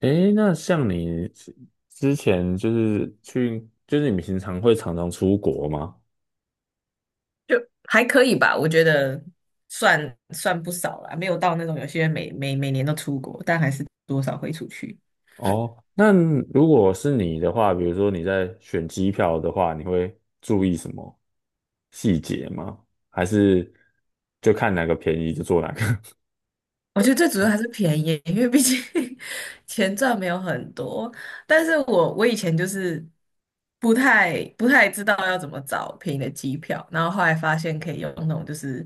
诶，那像你之前就是去，就是你平常会常常出国吗？还可以吧，我觉得算不少啦，没有到那种有些人每年都出国，但还是多少会出去。哦，那如果是你的话，比如说你在选机票的话，你会注意什么细节吗？还是就看哪个便宜就做哪个？我觉得最主要还是便宜，因为毕竟 钱赚没有很多。但是我以前就是不太知道要怎么找便宜的机票，然后后来发现可以用那种就是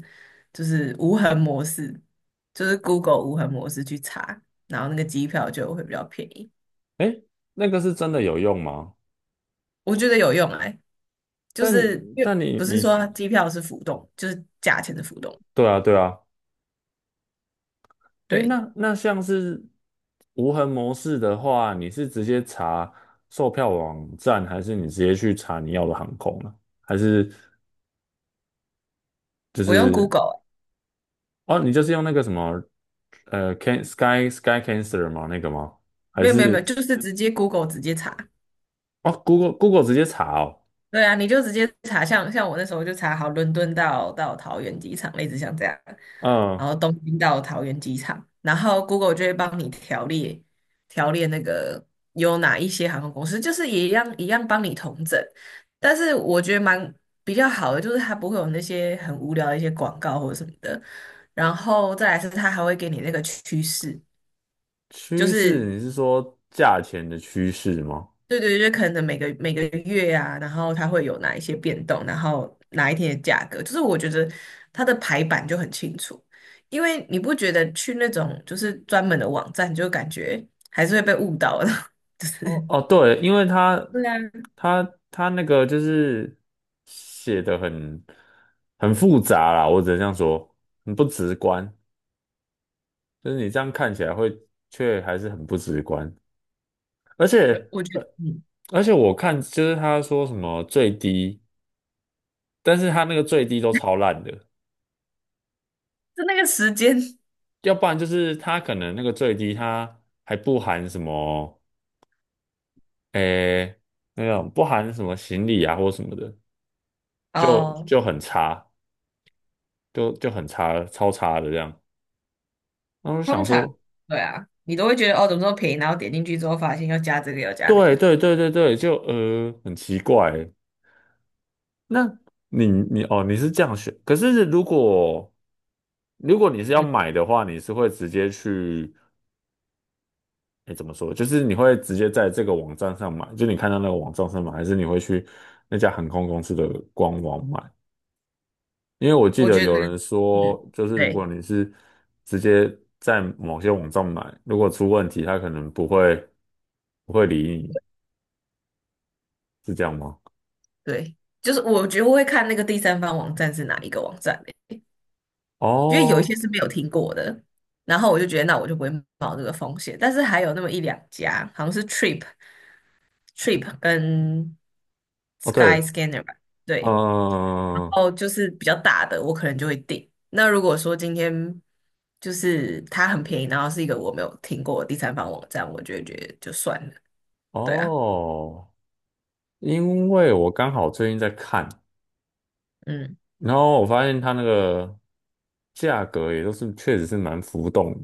就是无痕模式，就是 Google 无痕模式去查，然后那个机票就会比较便宜。诶，那个是真的有用吗？我觉得有用哎，就但是因为但你不是你说机票是浮动，就是价钱的浮动。对啊对啊，诶，对，那像是无痕模式的话，你是直接查售票网站，还是你直接去查你要的航空呢？还是就我用 是 Google，欸哦，你就是用那个什么Can Sky Cancer 吗？那个吗？还没有没有没有，是就是直接 Google 直接查，哦，Google 直接查哦？对啊，你就直接查，像我那时候就查好伦敦到桃园机场，类似像这样，然嗯，后东京到桃园机场，然后 Google 就会帮你条列条列那个有哪一些航空公司，就是也一样一样帮你统整，但是我觉得蛮比较好的，就是它不会有那些很无聊的一些广告或者什么的，然后再来是它还会给你那个趋势，就趋势是。你是说价钱的趋势吗？对对，就是可能每个月啊，然后它会有哪一些变动，然后哪一天的价格，就是我觉得它的排版就很清楚，因为你不觉得去那种就是专门的网站，就感觉还是会被误导的，就是哦哦，对，因为对啊，他他那个就是写的很复杂啦，我只能这样说，很不直观，就是你这样看起来会却还是很不直观，而且我觉呃得，嗯，而且我看就是他说什么最低，但是他那个最低都超烂的，就那个时间要不然就是他可能那个最低他还不含什么诶那种不含什么行李啊或什么的，就哦，就很差。就很差了超差的这样。然后我就通想常说，对啊，你都会觉得哦，怎么这么便宜，然后点进去之后发现要加这个要加那对个，对对对对，就很奇怪。那你哦，你是这样选，可是如果你是要嗯，买的话，你是会直接去，哎，怎么说？就是你会直接在这个网站上买，就你看到那个网站上买，还是你会去那家航空公司的官网买？因为我记我得觉得，有人嗯，说，就是如对果你是直接在某些网站买，如果出问题，他可能不会理你。是这样吗？对，就是我觉得我会看那个第三方网站是哪一个网站。因为有一些哦，是没有听过的，然后我就觉得那我就不会冒这个风险，但是还有那么一两家，好像是 Trip、Trip 跟 哦，Sky 对，Scanner 吧，对，然嗯，后就是比较大的，我可能就会订。那如果说今天就是它很便宜，然后是一个我没有听过的第三方网站，我就会觉得就算了，对啊，哦，因为我刚好最近在看，嗯，然后我发现它那个价格也都是确实是蛮浮动的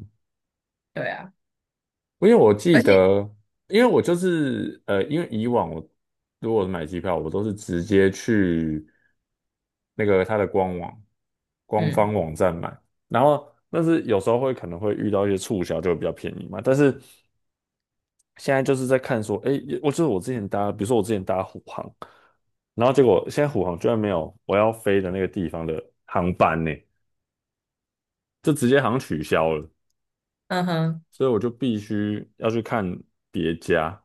对啊，因为我记而得，且因为我就是因为以往我如果买机票，我都是直接去那个它的官网官嗯方网站买。然后，但是有时候会可能会遇到一些促销，就会比较便宜嘛。但是现在就是在看说，哎，我就是我之前搭，比如说我之前搭虎航，然后结果现在虎航居然没有我要飞的那个地方的航班呢，就直接好像取消了，嗯哼。所以我就必须要去看别家。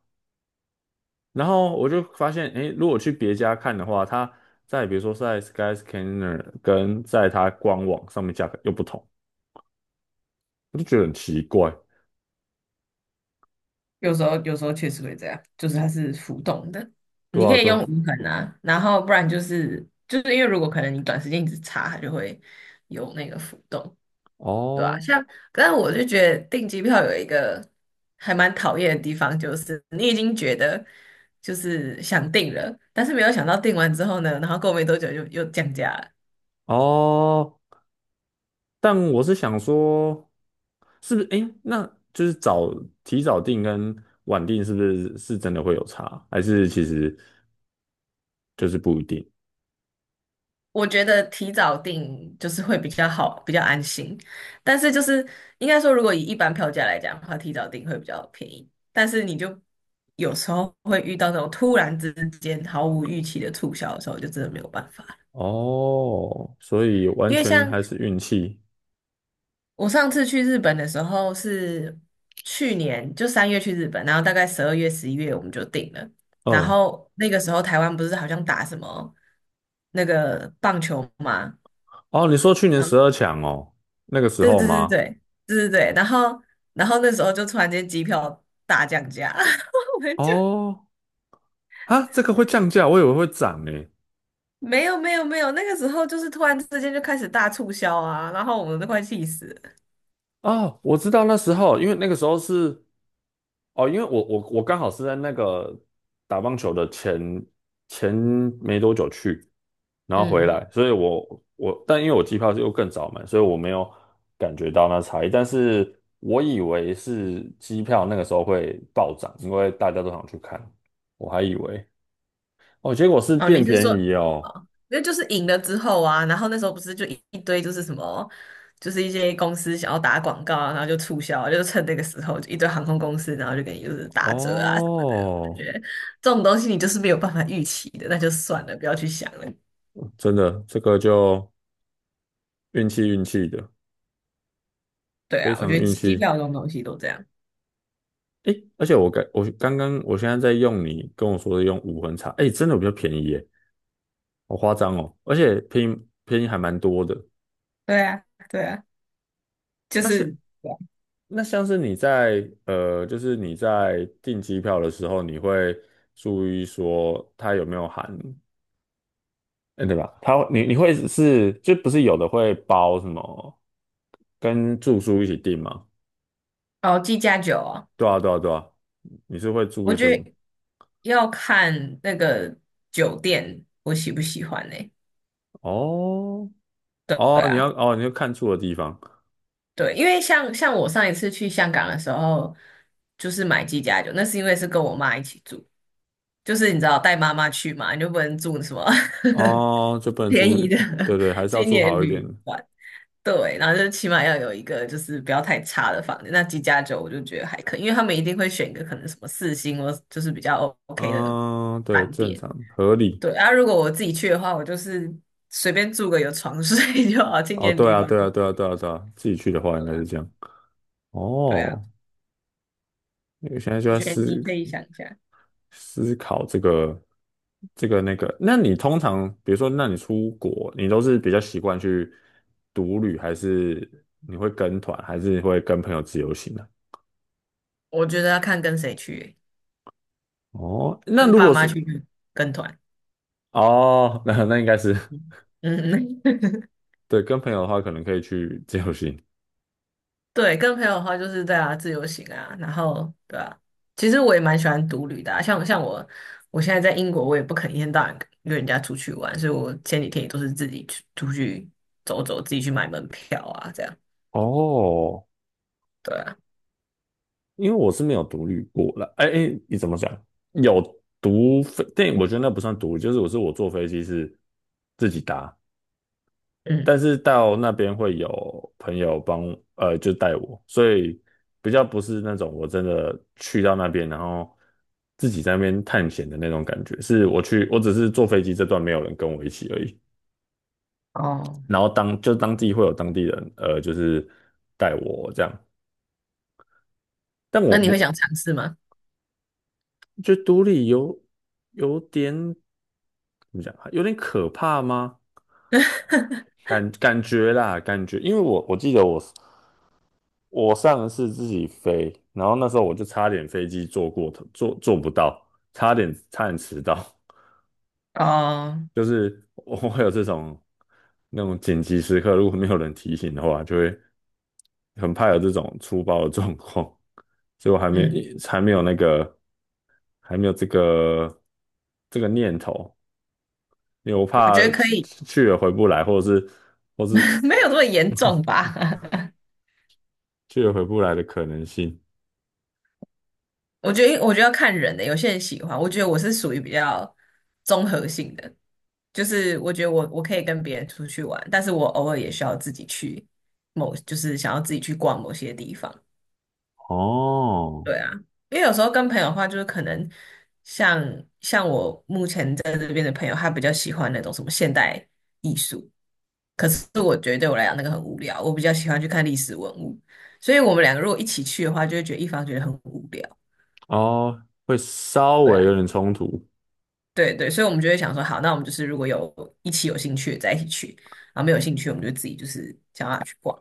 然后我就发现，哎，如果去别家看的话，它在比如说在 Skyscanner 跟在它官网上面价格又不同，我就觉得很奇怪。有时候确实会这样，就是它是浮动的，对你可啊，以对啊用无痕啊，然后不然就是因为如果可能你短时间一直查，它就会有那个浮动，对吧，哦像，但我就觉得订机票有一个还蛮讨厌的地方，就是你已经觉得就是想订了，但是没有想到订完之后呢，然后过没多久就又降价了。哦，但我是想说，是不是？诶，那就是提早定跟晚定，是不是真的会有差？还是其实就是不一定？我觉得提早订就是会比较好，比较安心。但是就是应该说，如果以一般票价来讲的话，提早订会比较便宜。但是你就有时候会遇到那种突然之间毫无预期的促销的时候，就真的没有办法。哦，所以完因为全像还是运气。我上次去日本的时候是去年就三月去日本，然后大概十二月、十一月我们就订了。然嗯，后那个时候台湾不是好像打什么那个棒球嘛？哦，你说去年十二强哦，那个时对候对对吗？对对对对，然后然后那时候就突然间机票大降价，我们就哦，啊，这个会降价，我以为会涨诶。没有没有没有，那个时候就是突然之间就开始大促销啊，然后我们都快气死了。哦，我知道那时候，因为那个时候是哦，因为我刚好是在那个打棒球的前没多久去，然后回嗯，来，所以我我但因为我机票是又更早买，所以我没有感觉到那差异。但是我以为是机票那个时候会暴涨，因为大家都想去看，我还以为哦，结果是哦，你变是便说宜哦。哦，那就是赢了之后啊，然后那时候不是就一堆就是什么，就是一些公司想要打广告啊，然后就促销啊，就趁那个时候就一堆航空公司，然后就给你就是打折啊什么的。我哦，觉得这种东西你就是没有办法预期的，那就算了，不要去想了。真的，这个就运气运气的，对非啊，我常觉得运机机气。票这种东西都这样。诶，而且我刚我刚刚我现在在用你跟我说的用无痕茶，诶，真的比较便宜耶，好夸张哦，而且便宜便宜还蛮多的。对啊，对啊，就那是是那像是你在就是你在订机票的时候，你会注意说它有没有含，嗯，对吧？它你你会是就不是有的会包什么跟住宿一起订吗？哦，计价酒啊，对啊对啊对啊，你是会注我意觉这个吗得要看那个酒店我喜不喜欢呢，哦对对哦，你啊，要哦你要看住的地方。对，因为像我上一次去香港的时候，就是买鸡架酒，那是因为是跟我妈一起住，就是你知道带妈妈去嘛，你就不能住什么 哦，就不 能便住，宜的 对对，还 是要青住年好一点旅的馆，对，然后就起码要有一个就是不要太差的房子。那几家酒我就觉得还可以，因为他们一定会选一个可能什么四星或就是比较 OK 的嗯，对，饭正店。常合理。对，啊，如果我自己去的话，我就是随便住个有床睡 就好，青哦，年对旅啊，馆。对啊，对啊，对啊，对啊，自己去的话应对该啊，是这样。对啊，哦，因为现在就我在觉得你思可以想一下，思考这个那个。那你通常，比如说，那你出国，你都是比较习惯去独旅，还是你会跟团，还是会跟朋友自由行呢？我觉得要看跟谁去欸哦，那跟如爸果妈是去跟团，哦，那应该是嗯。对，跟朋友的话，可能可以去自由行。对，跟朋友的话就是对啊，自由行啊，然后对啊，其实我也蛮喜欢独旅的啊，像我，我现在在英国，我也不肯一天到晚约人家出去玩，所以我前几天也都是自己去出去走走，自己去买门票啊，这样，哦，对啊，因为我是没有独立过了。哎哎，你怎么讲？有独飞，但我觉得那不算独，就是我坐飞机是自己搭，嗯，但是到那边会有朋友帮，就带我，所以比较不是那种我真的去到那边，然后自己在那边探险的那种感觉。是我去，我只是坐飞机这段没有人跟我一起而已，哦，然后当地会有当地人，就是带我这样。但那我你会想我尝试吗？觉得独立有点怎么讲啊有点可怕吗？感觉啦，感觉，因为我记得我上次自己飞，然后那时候我就差点飞机坐过头，坐不到，差点迟到，哦，就是我会有这种那种紧急时刻，如果没有人提醒的话，就会很怕有这种粗暴的状况，所以我还没嗯，还没有那个还没有这个这个念头。因为我我怕觉得可去以，去了回不来，或者是或是 没有这么严重吧？去也回不来的可能性。我觉得，我觉得要看人的，有些人喜欢，我觉得我是属于比较综合性的，就是我觉得我可以跟别人出去玩，但是我偶尔也需要自己去某，就是想要自己去逛某些地方。哦对啊，因为有时候跟朋友的话，就是可能像像我目前在这边的朋友，他比较喜欢那种什么现代艺术，可是我觉得对我来讲那个很无聊，我比较喜欢去看历史文物，所以我们两个如果一起去的话，就会觉得一方觉得很无聊。哦，会稍对微啊，有点冲突。对对，所以我们就会想说，好，那我们就是如果有一起有兴趣的再一起去，然后没有兴趣，我们就自己就是想要去逛。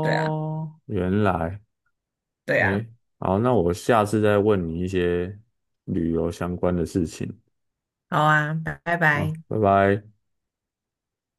对啊，原来，对啊，诶，好，那我下次再问你一些旅游相关的事情。好啊，拜拜。啊，拜拜。